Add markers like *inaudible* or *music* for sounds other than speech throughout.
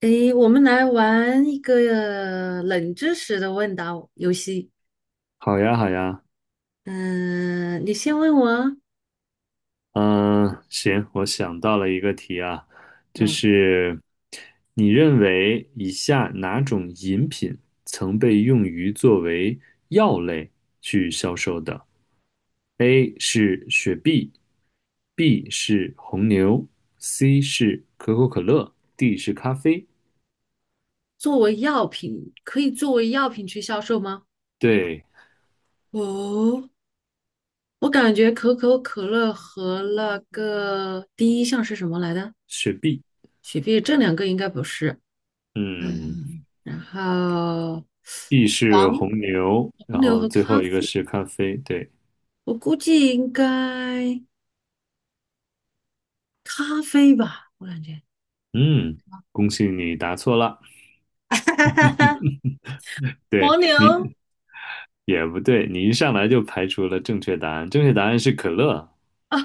诶，我们来玩一个冷知识的问答游戏。好呀，好呀，嗯、你先问我啊。嗯，行，我想到了一个题啊，就嗯，是你认为以下哪种饮品曾被用于作为药类去销售的？A 是雪碧，B 是红牛，C 是可口可乐，D 是咖啡。作为药品，可以作为药品去销售吗？对，哦，我感觉可口可乐和那个第一项是什么来的？雪碧，雪碧，这两个应该不是。嗯嗯，然后，B 是黄红牛，黄然牛后和最咖后一个啡，是咖啡，对，我估计应该咖啡吧，我感觉。嗯，恭喜你答错了。*laughs* 哈哈哈！黄对牛。你也不对，你一上来就排除了正确答案，正确答案是可乐。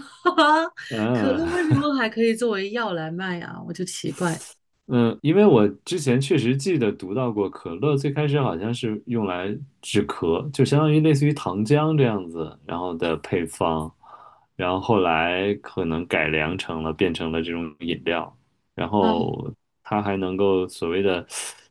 *laughs* 哈，可嗯 乐 *laughs* 为什么还可以作为药来卖啊？我就奇怪。嗯，因为我之前确实记得读到过，可乐最开始好像是用来止咳，就相当于类似于糖浆这样子，然后的配方，然后后来可能改良成了变成了这种饮料。然哦后它还能够所谓的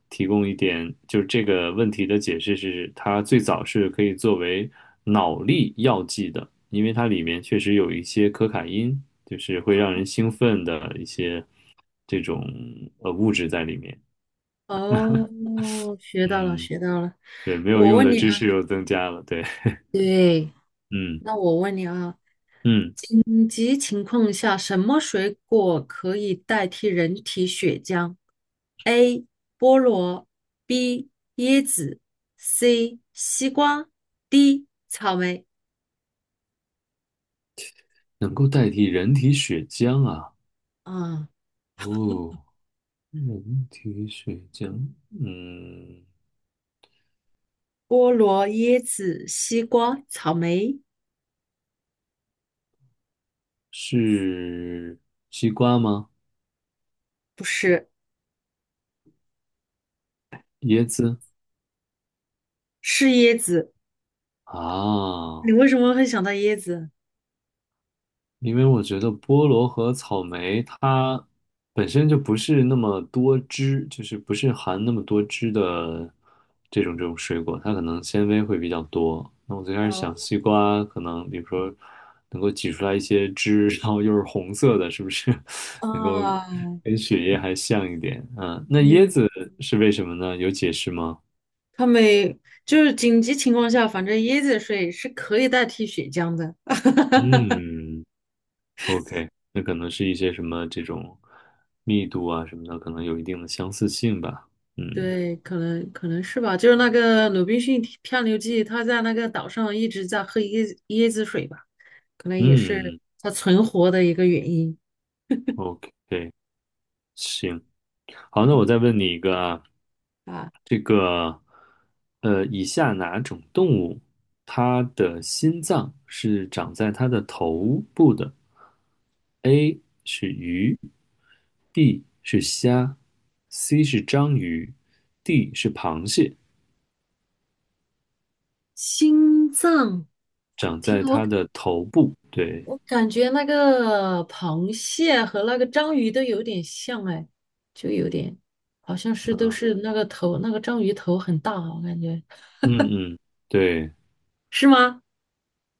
提供一点，就是这个问题的解释是，它最早是可以作为脑力药剂的，因为它里面确实有一些可卡因，就是会让人兴奋的一些这种物质在里面。哦，学到了，嗯，学到了。对，没有我用问的你知啊，识又增加了，对，对，嗯那我问你啊，嗯，紧急情况下，什么水果可以代替人体血浆？A. 菠萝，B. 椰子，C. 西瓜，D. 草莓。能够代替人体血浆啊，啊、哦，人体血浆，嗯。菠萝、椰子、西瓜、草莓，是西瓜吗？不是，椰子是椰子。你啊，为什么会想到椰子？因为我觉得菠萝和草莓它本身就不是那么多汁，就是不是含那么多汁的这种水果，它可能纤维会比较多。那我最开始哦想西瓜可能，比如说能够挤出来一些汁，*laughs* 然后又是红色的，是不是 *laughs* 能够啊，跟血液还像一点？嗯，那椰嗯，子是为什么呢？有解释吗？他们就是紧急情况下，反正椰子水是可以代替血浆的。嗯，OK,那可能是一些什么这种密度啊什么的，可能有一定的相似性吧。嗯对，可能可能是吧。就是那个鲁滨逊漂流记，他在那个岛上一直在喝椰子水吧，可能也是嗯他存活的一个原因，OK,行，好，那我再问你一个啊，啊。这个以下哪种动物它的心脏是长在它的头部的？A 是鱼，B 是虾，C 是章鱼，D 是螃蟹，心脏。长听。在它的头部。对。我感觉那个螃蟹和那个章鱼都有点像哎，就有点，好像是都是那个头，那个章鱼头很大啊，我感觉嗯嗯，对。是吗？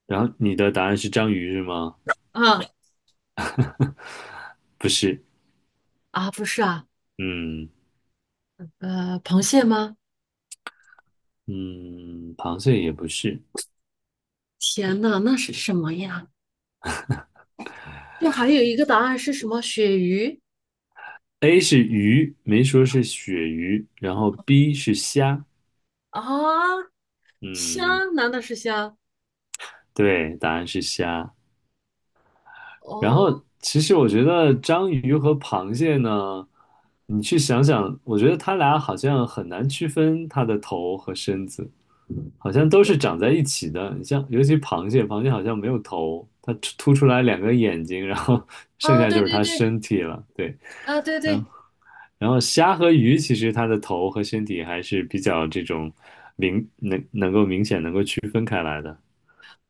然后你的答案是章鱼是吗？啊不是，啊，不是啊，嗯呃，螃蟹吗？嗯，螃蟹也不是。天呐，那是什么呀？这还有一个答案是什么？鳕鱼 A 是鱼，没说是鳕鱼，然后 B 是虾，啊，虾？嗯，难道是虾？对，答案是虾。然后，哦其实我觉得章鱼和螃蟹呢，你去想想，我觉得它俩好像很难区分它的头和身子，好像都是长在一起的。你像，尤其螃蟹，螃蟹好像没有头，它突出来两个眼睛，然后 *laughs* 剩啊，下就对是对它对身体了。对，啊，对然后对，然后虾和鱼，其实它的头和身体还是比较这种明显能够区分开来的。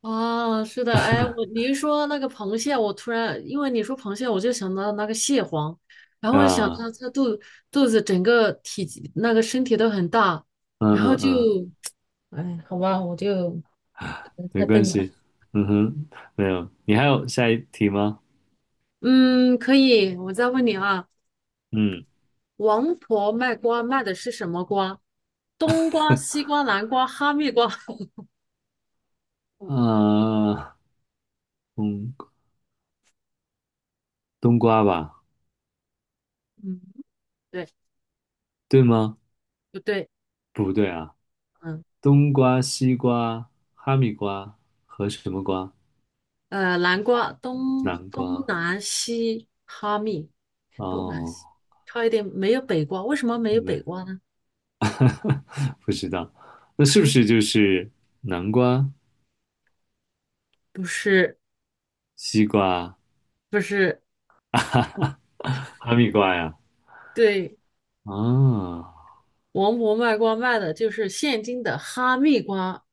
啊，是的，哎，我你一说那个螃蟹，我突然因为你说螃蟹，我就想到那个蟹黄，然后我就想啊，到肚子整个体积那个身体都很大，嗯然后嗯就，嗯。哎，好吧，我就可能没太关笨了。系。嗯哼，没有。你还有下一题吗？嗯，可以，我再问你啊，嗯，王婆卖瓜卖的是什么瓜？冬瓜、西瓜、南瓜、哈密瓜？*laughs* 啊，嗯，冬瓜吧，嗯，对，对吗？不对？不对啊，嗯。冬瓜、西瓜、哈密瓜和什么瓜？呃，南瓜东南东瓜。南西哈密，东南哦，西差一点没有北瓜，为什么没有北没，瓜呢？不知道。那是不是就是南瓜、不是西瓜、不是，哈密瓜呀？对，啊，王婆卖瓜卖的就是现今的哈密瓜，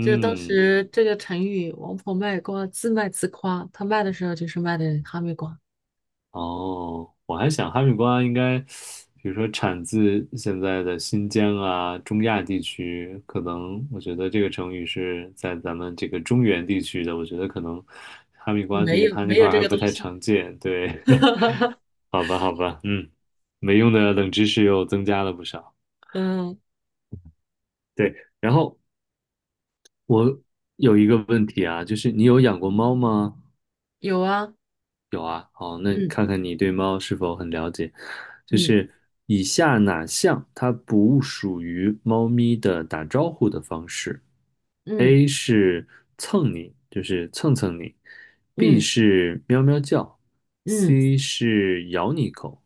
就是当时这个成语“王婆卖瓜，自卖自夸”，她卖的时候就是卖的哈密瓜，哦，我还想哈密瓜应该，比如说产自现在的新疆啊、中亚地区，可能我觉得这个成语是在咱们这个中原地区的，我觉得可能哈密瓜对于它那没块有儿这还个不东太西。常见。对，*laughs* *laughs* 好吧，好吧，嗯，没用的冷知识又增加了不少。嗯，对，然后我有一个问题啊，就是你有养过猫吗？有啊，有啊，好，那嗯看看你对猫是否很了解。就嗯是以下哪项它不属于猫咪的打招呼的方式嗯？A 是蹭你，就是蹭蹭你；B 嗯是喵喵叫嗯；C 是咬你一口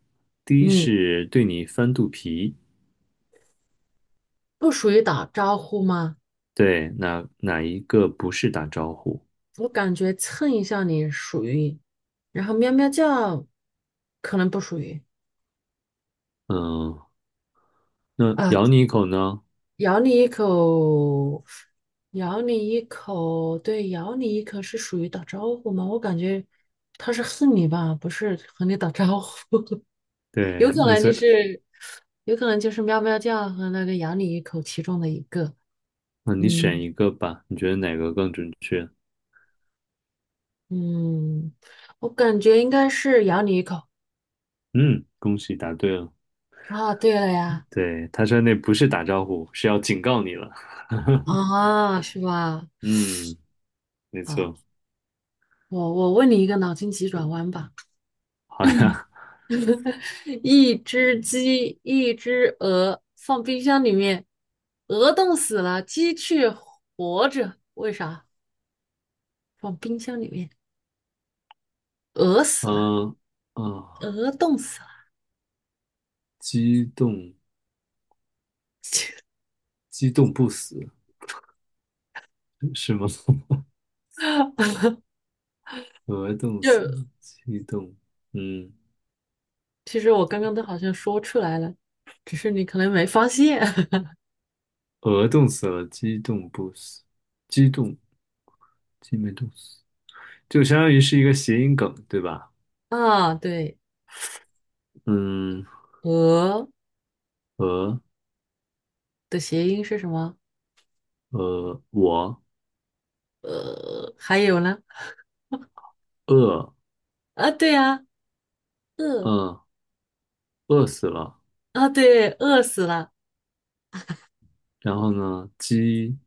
；D 嗯，是对你翻肚皮。不属于打招呼吗？对，哪一个不是打招呼？我感觉蹭一下你属于，然后喵喵叫可能不属于嗯，那啊，咬你一口呢？咬你一口，咬你一口，对，咬你一口是属于打招呼吗？我感觉他是恨你吧，不是和你打招呼，*laughs* 有对，可那能所就以，是，有可能就是喵喵叫和那个咬你一口其中的一个，那你选嗯一个吧，你觉得哪个更准确？嗯，我感觉应该是咬你一口嗯，恭喜答对了。啊，对了呀，对，他说那不是打招呼，是要警告你了。*laughs* 啊，是吧？嗯，没错。啊。我问你一个脑筋急转弯吧，好呀，*laughs* 一只鸡，一只鹅，放冰箱里面，鹅冻死了，鸡却活着，为啥？放冰箱里面，鹅死了，嗯、啊，鹅冻死了。激动，*laughs* 激动不死是吗？*laughs* 鹅冻死了，就激动，嗯，其实我刚刚都好像说出来了，只是你可能没发现。 鹅冻死了，激动不死，激动，激没冻死，就相当于是一个谐音梗，对吧？*laughs* 啊。对，嗯，鹅鹅，的谐音是什么？我呃，还有呢？饿，啊，对啊，饿嗯饿死了，啊，对，饿死了。然后呢，鸡，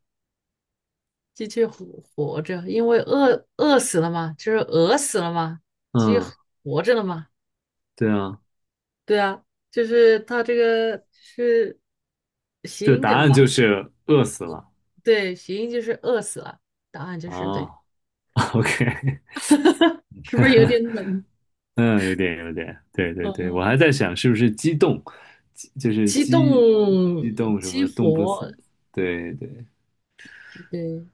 鸡去活活着，因为饿死了嘛，就是饿死了嘛，鸡嗯。活着了嘛，对啊，对啊，就是它这个是谐就音答梗案吧？就是饿死了。对，谐音就是饿死了，答案就是对，啊。*laughs* o k 是不是有点冷？嗯，有点有点，对对对，我呃，还在想是不是激动，激就是激动激什激么动不死，活，对对。对，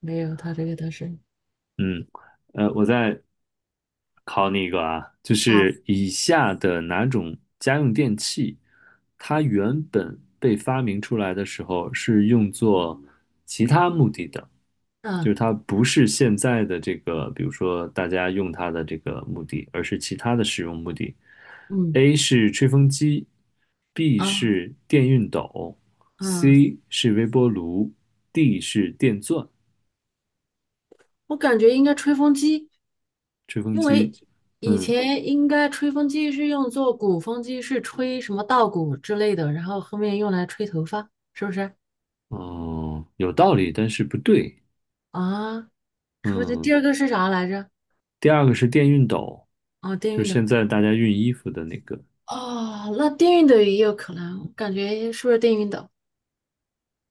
没有，它这个它是嗯，我再考你一个啊，就啊，是以下的哪种家用电器，它原本被发明出来的时候是用作其他目的的，嗯就是它不是现在的这个，比如说大家用它的这个目的，而是其他的使用目的。嗯 A 是吹风机，B 啊是电熨斗啊。，C 是微波炉，D 是电钻，我感觉应该吹风机，吹风因为机。以嗯，前应该吹风机是用作鼓风机，是吹什么稻谷之类的，然后后面用来吹头发，是不是？嗯，有道理，但是不对。啊，吹不是？第嗯，二个是啥来着？第二个是电熨斗，哦，电就熨是斗。现在大家熨衣服的那个。哦，那电熨斗也有可能，我感觉是不是电熨斗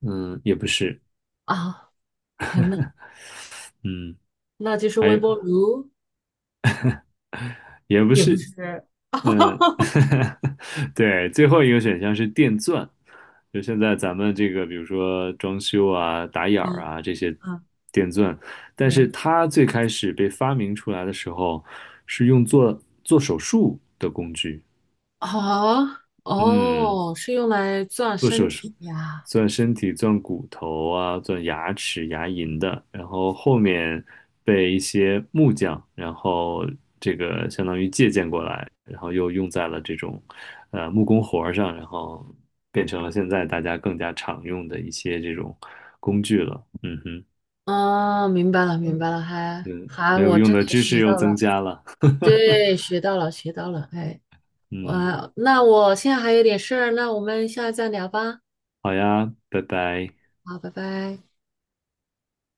嗯，也不是。啊？天呐，嗯，那就是微还波炉，也不也不是。是。嗯，*laughs* *laughs* 对，最后一个选项是电钻，就现在咱们这个，比如说装修啊、打眼儿嗯啊这些嗯电钻，但是嗯，它最开始被发明出来的时候，是用做手术的工具。哦嗯，哦，是用来钻做身手术。体呀。钻身体、钻骨头啊、钻牙齿、牙龈的，然后后面被一些木匠，然后这个相当于借鉴过来，然后又用在了这种木工活儿上，然后变成了现在大家更加常用的一些这种工具了。嗯哼，哦，明白了，明白了，嗯，还，没有我用真的的知识学又到增了，加了。*laughs* 对，学到了，学到了，哎，嗯，那我现在还有点事儿，那我们下次再聊吧，好呀，拜拜。好，拜拜。